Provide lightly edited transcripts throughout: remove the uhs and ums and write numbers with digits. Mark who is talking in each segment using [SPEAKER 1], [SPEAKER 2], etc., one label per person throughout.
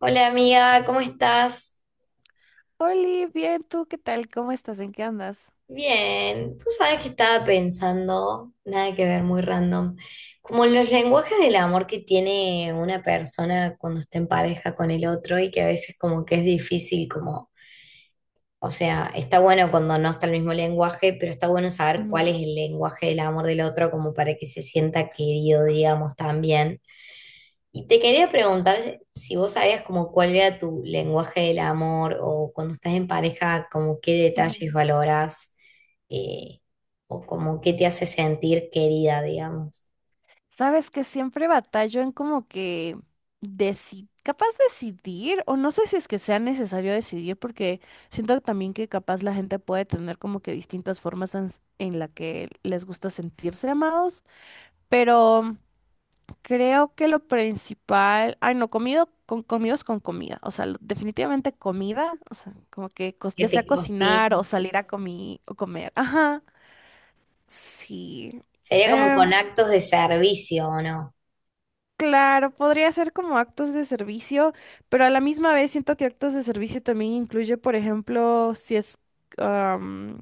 [SPEAKER 1] Hola amiga, ¿cómo estás?
[SPEAKER 2] Oli, bien, ¿tú qué tal? ¿Cómo estás? ¿En qué andas?
[SPEAKER 1] Bien, tú sabes que estaba pensando, nada que ver, muy random, como los lenguajes del amor que tiene una persona cuando está en pareja con el otro y que a veces como que es difícil como, o sea, está bueno cuando no está el mismo lenguaje, pero está bueno saber cuál
[SPEAKER 2] Ujú,
[SPEAKER 1] es el lenguaje del amor del otro como para que se sienta querido, digamos, también. Y te quería preguntar si vos sabías como cuál era tu lenguaje del amor o cuando estás en pareja, como qué
[SPEAKER 2] ujú.
[SPEAKER 1] detalles valorás eh, o como qué te hace sentir querida, digamos.
[SPEAKER 2] Sabes que siempre batallo en como que capaz decidir, o no sé si es que sea necesario decidir, porque siento también que capaz la gente puede tener como que distintas formas en la que les gusta sentirse amados, pero creo que lo principal, ay no, comido con comidos con comida, o sea, definitivamente comida, o sea, como que
[SPEAKER 1] ¿Qué
[SPEAKER 2] ya sea
[SPEAKER 1] te
[SPEAKER 2] cocinar
[SPEAKER 1] cocina?
[SPEAKER 2] o salir a o comer, ajá. Sí.
[SPEAKER 1] Sería como
[SPEAKER 2] Em,
[SPEAKER 1] con actos de servicio, ¿o no?
[SPEAKER 2] claro, podría ser como actos de servicio, pero a la misma vez siento que actos de servicio también incluye, por ejemplo, si es, am,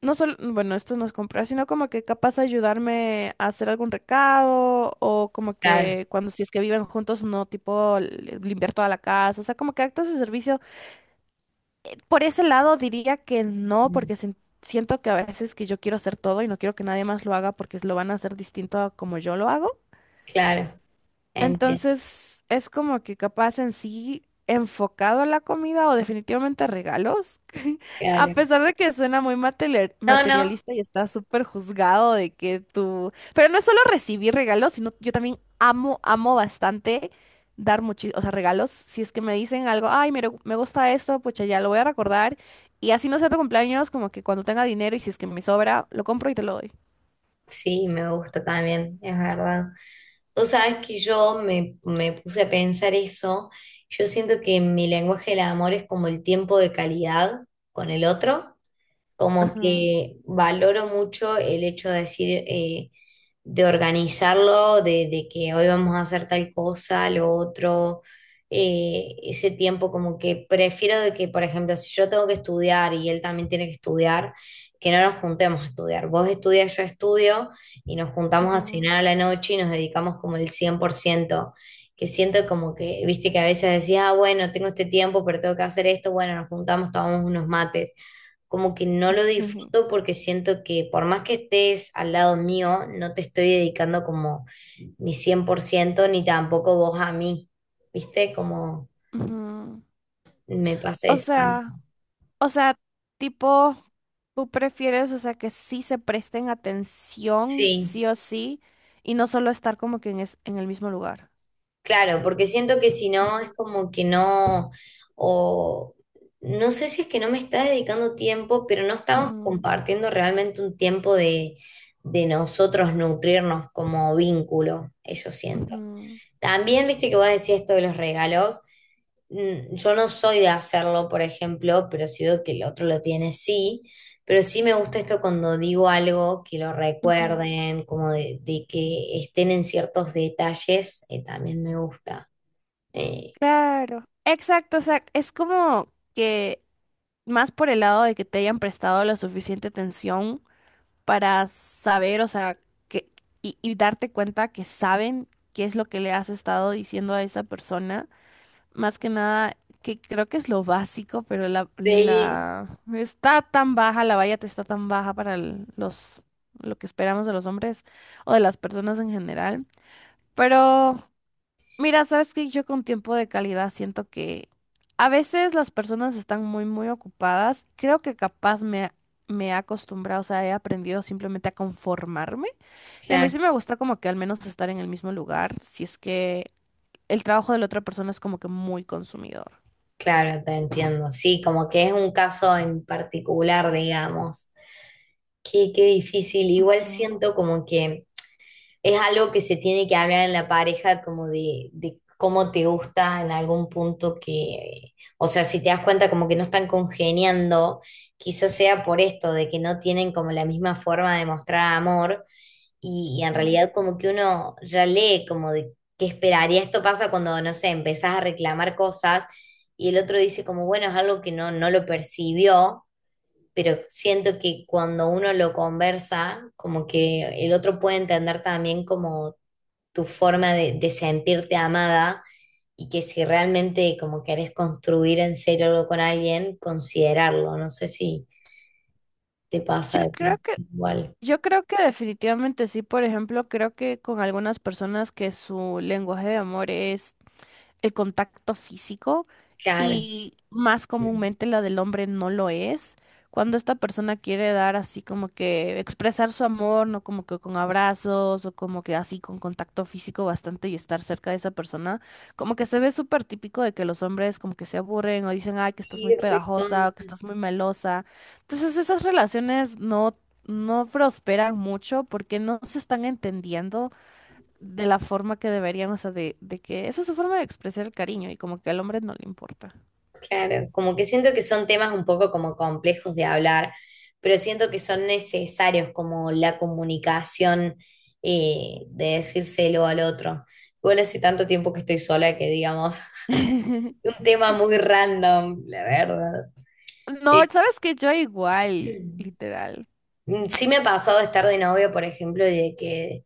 [SPEAKER 2] no solo, bueno, esto nos comprar, sino como que capaz ayudarme a hacer algún recado o como
[SPEAKER 1] Claro,
[SPEAKER 2] que cuando si es que viven juntos, no, tipo limpiar toda la casa, o sea, como que actos de servicio. Por ese lado diría que no,
[SPEAKER 1] mm,
[SPEAKER 2] porque siento que a veces que yo quiero hacer todo y no quiero que nadie más lo haga porque lo van a hacer distinto a como yo lo hago.
[SPEAKER 1] claro, entiendo,
[SPEAKER 2] Entonces, es como que capaz en sí enfocado a la comida o definitivamente a regalos, a
[SPEAKER 1] claro.
[SPEAKER 2] pesar de que suena muy
[SPEAKER 1] No, no.
[SPEAKER 2] materialista y está súper juzgado de que tú... Pero no es solo recibir regalos, sino yo también amo, amo bastante dar muchísimos, o sea, regalos. Si es que me dicen algo, ay, mira, me gusta esto, pues ya lo voy a recordar. Y así no sea tu cumpleaños, como que cuando tenga dinero y si es que me sobra, lo compro y te lo doy.
[SPEAKER 1] Sí, me gusta también, es verdad. Vos sabés que me puse a pensar eso. Yo siento que mi lenguaje del amor es como el tiempo de calidad con el otro. Como
[SPEAKER 2] Ajá,
[SPEAKER 1] que valoro mucho el hecho de decir, de organizarlo, de que hoy vamos a hacer tal cosa, lo otro, ese tiempo como que prefiero de que, por ejemplo, si yo tengo que estudiar y él también tiene que estudiar, que no nos juntemos a estudiar. Vos estudias, yo estudio y nos juntamos a
[SPEAKER 2] ajá,
[SPEAKER 1] cenar a la noche y nos dedicamos como el cien por ciento, que siento como que, viste que a veces decías, ah, bueno, tengo este tiempo, pero tengo que hacer esto, bueno, nos juntamos, tomamos unos mates, como que no lo
[SPEAKER 2] jeje,
[SPEAKER 1] disfruto porque siento que por más que estés al lado mío, no te estoy dedicando como ni 100% ni tampoco vos a mí, ¿viste? Como
[SPEAKER 2] ajá.
[SPEAKER 1] me pasa
[SPEAKER 2] O
[SPEAKER 1] eso.
[SPEAKER 2] sea... O sea, tipo, tú prefieres, o sea, que sí se presten atención,
[SPEAKER 1] Sí,
[SPEAKER 2] sí o sí, y no solo estar como que en el mismo lugar.
[SPEAKER 1] claro, porque siento que si no es
[SPEAKER 2] Ujú.
[SPEAKER 1] como que no, o no sé si es que no me está dedicando tiempo, pero no estamos
[SPEAKER 2] Ujú,
[SPEAKER 1] compartiendo realmente un tiempo de nosotros nutrirnos como vínculo, eso siento.
[SPEAKER 2] ujú,
[SPEAKER 1] También viste que vos decías esto de los regalos. Mm, yo no soy de hacerlo, por ejemplo, pero si veo que el otro lo tiene, sí. Pero sí me gusta esto cuando digo algo, que lo
[SPEAKER 2] ujú.
[SPEAKER 1] recuerden, como de que estén en ciertos detalles, también me gusta. Eh,
[SPEAKER 2] Claro, exacto, o sea, es como que más por el lado de que te hayan prestado la suficiente atención para saber, o sea, que, y darte cuenta que saben qué es lo que le has estado diciendo a esa persona, más que nada, que creo que es lo básico, pero la,
[SPEAKER 1] sí,
[SPEAKER 2] la está tan baja, la valla te está tan baja para los lo que esperamos de los hombres o de las personas en general. Pero mira, sabes que yo con tiempo de calidad siento que a veces las personas están muy, muy ocupadas. Creo que capaz me he acostumbrado, o sea, he aprendido simplemente a conformarme. Y a mí
[SPEAKER 1] claro,
[SPEAKER 2] sí me gusta como que al menos estar en el mismo lugar, si es que el trabajo de la otra persona es como que muy consumidor.
[SPEAKER 1] claro, te entiendo. Sí, como que es un caso en particular, digamos. Qué, qué difícil. Igual
[SPEAKER 2] Mm,
[SPEAKER 1] siento como que es algo que se tiene que hablar en la pareja como de cómo te gusta en algún punto que, o sea, si te das cuenta como que no están congeniando, quizás sea por esto, de que no tienen como la misma forma de mostrar amor y en
[SPEAKER 2] mm.
[SPEAKER 1] realidad como que uno ya lee como de qué esperaría. Esto pasa cuando, no sé, empezás a reclamar cosas y el otro dice como, bueno, es algo que no, no lo percibió, pero siento que cuando uno lo conversa, como que el otro puede entender también como tu forma de sentirte amada y que si realmente como querés construir en serio algo con alguien, considerarlo. No sé si te pasa de
[SPEAKER 2] Yo creo
[SPEAKER 1] repente
[SPEAKER 2] que,
[SPEAKER 1] igual.
[SPEAKER 2] yo creo que definitivamente sí, por ejemplo, creo que con algunas personas que su lenguaje de amor es el contacto físico
[SPEAKER 1] Claro.
[SPEAKER 2] y más comúnmente la del hombre no lo es. Cuando esta persona quiere dar así como que expresar su amor, no como que con abrazos o como que así con contacto físico bastante y estar cerca de esa persona, como que se ve súper típico de que los hombres como que se aburren o dicen, ay, que estás muy
[SPEAKER 1] Sí,
[SPEAKER 2] pegajosa o que
[SPEAKER 1] recontra.
[SPEAKER 2] estás muy melosa. Entonces esas relaciones no, no prosperan mucho porque no se están entendiendo, de la forma que deberían, o sea, de que esa es su forma de expresar el cariño y como que al hombre no le importa.
[SPEAKER 1] Claro, como que siento que son temas un poco como complejos de hablar, pero siento que son necesarios como la comunicación, de decírselo al otro. Igual hace tanto tiempo que estoy sola que digamos, un tema muy random, la verdad.
[SPEAKER 2] No,
[SPEAKER 1] Eh,
[SPEAKER 2] sabes que yo igual, literal.
[SPEAKER 1] Sí me ha pasado de estar de novio, por ejemplo, y de que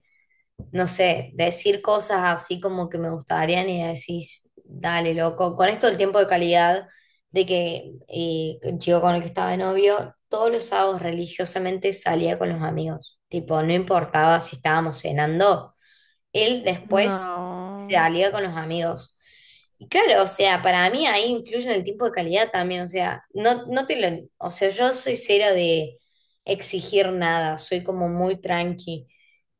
[SPEAKER 1] no sé, decir cosas así como que me gustarían y decís, dale, loco, con esto el tiempo de calidad de que el chico con el que estaba de novio, todos los sábados religiosamente salía con los amigos, tipo, no importaba si estábamos cenando, él después
[SPEAKER 2] No,
[SPEAKER 1] salía con los amigos. Claro, o sea, para mí ahí influye en el tiempo de calidad también, o sea, no, no te lo, o sea, yo soy cero de exigir nada, soy como muy tranqui,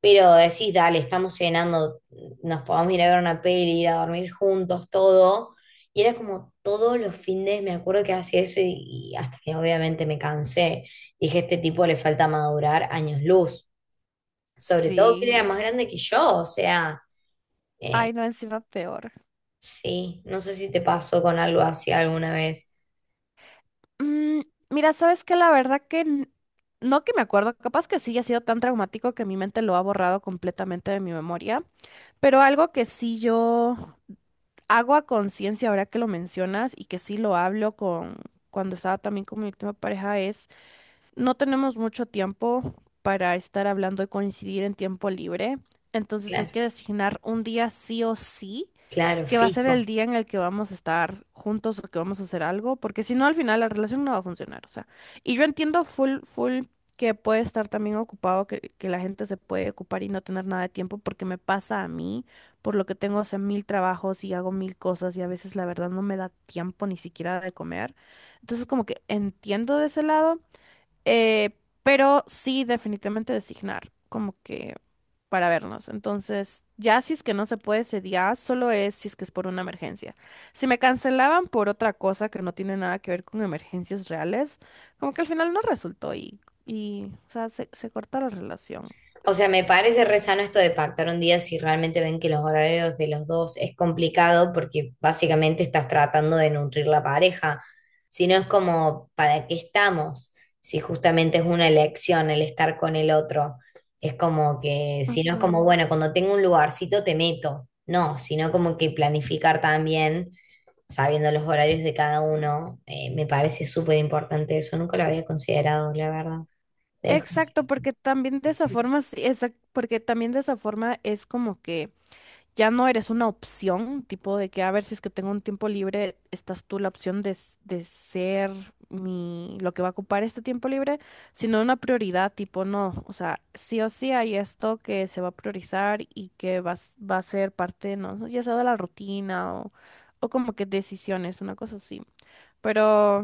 [SPEAKER 1] pero decís, dale, estamos cenando, nos podemos ir a ver una peli, ir a dormir juntos, todo, y era como todos los fines, me acuerdo que hacía eso y hasta que obviamente me cansé, dije, este tipo le falta madurar años luz, sobre todo que él era
[SPEAKER 2] sí.
[SPEAKER 1] más grande que yo, o sea... eh,
[SPEAKER 2] Ay, no, encima peor.
[SPEAKER 1] sí, no sé si te pasó con algo así alguna vez.
[SPEAKER 2] Mm, mira, sabes que la verdad que no que me acuerdo, capaz que sí ha sido tan traumático que mi mente lo ha borrado completamente de mi memoria, pero algo que sí yo hago a conciencia ahora que lo mencionas y que sí lo hablo con cuando estaba también con mi última pareja es: no tenemos mucho tiempo para estar hablando y coincidir en tiempo libre, entonces hay
[SPEAKER 1] Claro,
[SPEAKER 2] que designar un día sí o sí,
[SPEAKER 1] claro,
[SPEAKER 2] que va a ser el
[SPEAKER 1] fijo.
[SPEAKER 2] día en el que vamos a estar juntos o que vamos a hacer algo, porque si no al final la relación no va a funcionar, o sea, y yo entiendo full, full que, puede estar también ocupado, que la gente se puede ocupar y no tener nada de tiempo, porque me pasa a mí, por lo que tengo, o sea, mil trabajos y hago mil cosas y a veces la verdad no me da tiempo ni siquiera de comer, entonces como que entiendo de ese lado. Eh, pero sí, definitivamente designar, como que para vernos. Entonces, ya si es que no se puede ese día, solo es si es que es por una emergencia. Si me cancelaban por otra cosa que no tiene nada que ver con emergencias reales, como que al final no resultó y o sea, se corta la relación.
[SPEAKER 1] O sea, me parece re sano esto de pactar un día si realmente ven que los horarios de los dos es complicado porque básicamente estás tratando de nutrir la pareja. Si no es como, ¿para qué estamos? Si justamente es una elección el estar con el otro. Es como que, si no es como,
[SPEAKER 2] Ujú.
[SPEAKER 1] bueno, cuando tengo un lugarcito te meto. No, sino como que planificar también, sabiendo los horarios de cada uno, me parece súper importante eso. Nunca lo había considerado, la verdad. Dejo.
[SPEAKER 2] Exacto, porque también de esa forma, sí, porque también de esa forma es como que ya no eres una opción, tipo de que a ver si es que tengo un tiempo libre, estás tú la opción de ser mi, lo que va a ocupar este tiempo libre, sino una prioridad, tipo no, o sea, sí o sí hay esto que se va a priorizar y que va a ser parte, no, ya sea de la rutina o como que decisiones, una cosa así. Pero,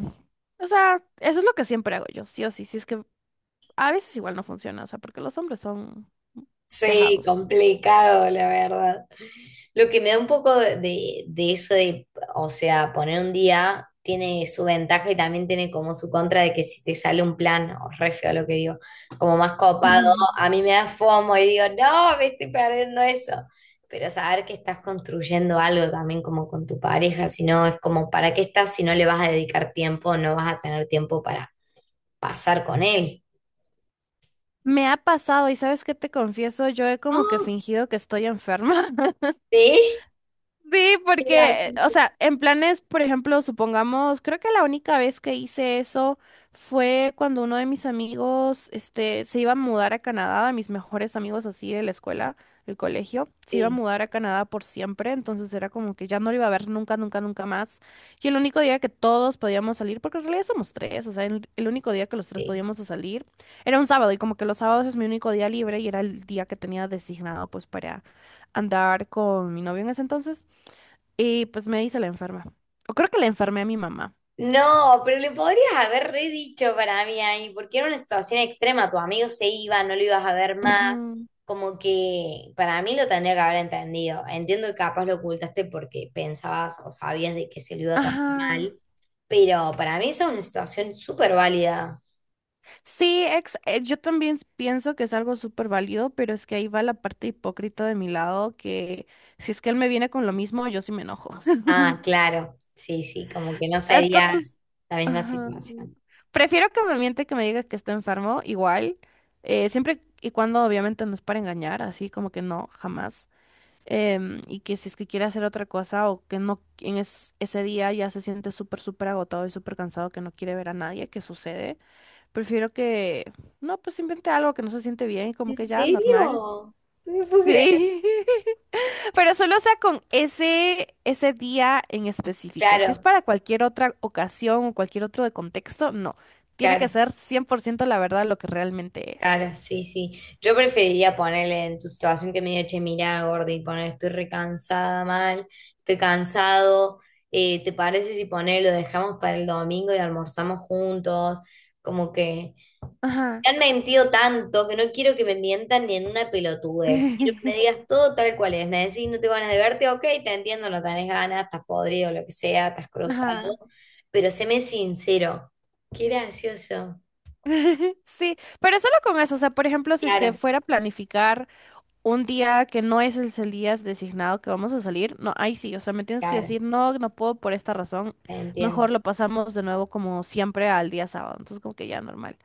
[SPEAKER 2] o sea, eso es lo que siempre hago yo, sí o sí, si es que a veces igual no funciona, o sea, porque los hombres son
[SPEAKER 1] Sí,
[SPEAKER 2] dejados.
[SPEAKER 1] complicado, la verdad. Lo que me da un poco de eso de, o sea, poner un día tiene su ventaja y también tiene como su contra de que si te sale un plan, o re feo lo que digo, como más copado, a mí me da FOMO y digo, no, me estoy perdiendo eso. Pero saber que estás construyendo algo también como con tu pareja, si no, es como, ¿para qué estás si no le vas a dedicar tiempo, no vas a tener tiempo para pasar con él?
[SPEAKER 2] Me ha pasado y sabes qué te confieso, yo he como que
[SPEAKER 1] No.
[SPEAKER 2] fingido que estoy enferma.
[SPEAKER 1] Sí,
[SPEAKER 2] Sí,
[SPEAKER 1] mira,
[SPEAKER 2] porque,
[SPEAKER 1] sí,
[SPEAKER 2] o
[SPEAKER 1] sí,
[SPEAKER 2] sea, en planes, por ejemplo, supongamos, creo que la única vez que hice eso fue cuando uno de mis amigos, este, se iba a mudar a Canadá, mis mejores amigos así de la escuela, del colegio, se iba a
[SPEAKER 1] sí.
[SPEAKER 2] mudar a Canadá por siempre, entonces era como que ya no lo iba a ver nunca, nunca, nunca más. Y el único día que todos podíamos salir, porque en realidad somos tres, o sea, el único día que los tres
[SPEAKER 1] Sí.
[SPEAKER 2] podíamos salir era un sábado y como que los sábados es mi único día libre y era el día que tenía designado pues para andar con mi novio en ese entonces. Y pues me dice la enferma. O creo que la enfermé a mi mamá.
[SPEAKER 1] No, pero le podrías haber redicho para mí ahí, porque era una situación extrema. Tu amigo se iba, no lo ibas a ver más.
[SPEAKER 2] Ujú.
[SPEAKER 1] Como que para mí lo tendría que haber entendido. Entiendo que capaz lo ocultaste porque pensabas o sabías de que se lo iba a tomar
[SPEAKER 2] Ajá.
[SPEAKER 1] mal, pero para mí esa es una situación súper válida.
[SPEAKER 2] Sí, yo también pienso que es algo súper válido, pero es que ahí va la parte hipócrita de mi lado, que si es que él me viene con lo mismo, yo sí me enojo.
[SPEAKER 1] Ah, claro, sí, sí, como que no sería
[SPEAKER 2] Entonces,
[SPEAKER 1] la misma
[SPEAKER 2] ajá.
[SPEAKER 1] situación.
[SPEAKER 2] Prefiero que me miente que me diga que está enfermo, igual, siempre y cuando obviamente no es para engañar, así como que no, jamás. Y que si es que quiere hacer otra cosa o que no en ese día ya se siente súper, súper agotado y súper cansado que no quiere ver a nadie, ¿qué sucede? Prefiero que, no, pues invente algo que no se siente bien y como
[SPEAKER 1] ¿En
[SPEAKER 2] que ya, normal.
[SPEAKER 1] serio? No me puedo creer.
[SPEAKER 2] Sí, pero solo sea con ese día en específico. Si es
[SPEAKER 1] Claro,
[SPEAKER 2] para cualquier otra ocasión o cualquier otro de contexto, no. Tiene que
[SPEAKER 1] claro.
[SPEAKER 2] ser 100% la verdad lo que realmente es.
[SPEAKER 1] Claro, sí, sí. Yo preferiría ponerle en tu situación que me diga, che, mirá, Gordi, poner, estoy recansada mal, estoy cansado. Eh, ¿te parece si poner, lo dejamos para el domingo y almorzamos juntos? Como que me
[SPEAKER 2] Ajá,
[SPEAKER 1] han mentido tanto que no quiero que me mientan ni en una pelotudez. Quiero que me digas todo tal cual es. Me decís, no tengo ganas de verte, ok, te entiendo, no tenés ganas, estás podrido, lo que sea, estás cruzado.
[SPEAKER 2] ajá.
[SPEAKER 1] Pero séme sincero. Qué gracioso.
[SPEAKER 2] Sí, pero solo con eso, o sea, por ejemplo, si es que
[SPEAKER 1] Claro,
[SPEAKER 2] fuera a planificar un día que no es el día designado que vamos a salir, no, ahí sí, o sea, me tienes que
[SPEAKER 1] claro,
[SPEAKER 2] decir, no, no puedo por esta razón,
[SPEAKER 1] te entiendo.
[SPEAKER 2] mejor lo pasamos de nuevo como siempre al día sábado, entonces como que ya normal.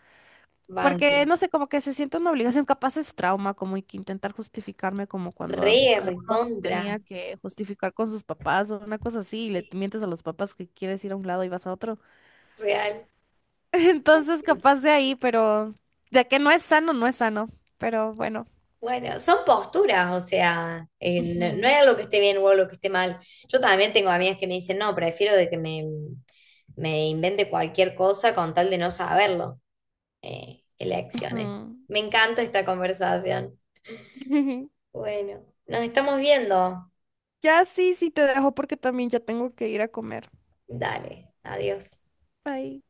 [SPEAKER 2] Porque,
[SPEAKER 1] Banco.
[SPEAKER 2] no sé, como que se siente una obligación, capaz es trauma, como que intentar justificarme como cuando
[SPEAKER 1] Re,
[SPEAKER 2] algunos
[SPEAKER 1] recontra.
[SPEAKER 2] tenía que justificar con sus papás o una cosa así, y le
[SPEAKER 1] Sí,
[SPEAKER 2] mientes a los papás que quieres ir a un lado y vas a otro.
[SPEAKER 1] real.
[SPEAKER 2] Entonces, capaz de ahí, pero de que no es sano, no es sano. Pero bueno.
[SPEAKER 1] Bueno, son posturas, o sea, no, no
[SPEAKER 2] Ujú,
[SPEAKER 1] hay algo que esté bien o algo que esté mal. Yo también tengo amigas que me dicen, no, prefiero de que me invente cualquier cosa con tal de no saberlo. Elecciones.
[SPEAKER 2] ujú.
[SPEAKER 1] Me encanta esta conversación. Bueno, nos estamos viendo.
[SPEAKER 2] Ya sí, sí te dejo porque también ya tengo que ir a comer.
[SPEAKER 1] Dale, adiós.
[SPEAKER 2] Bye.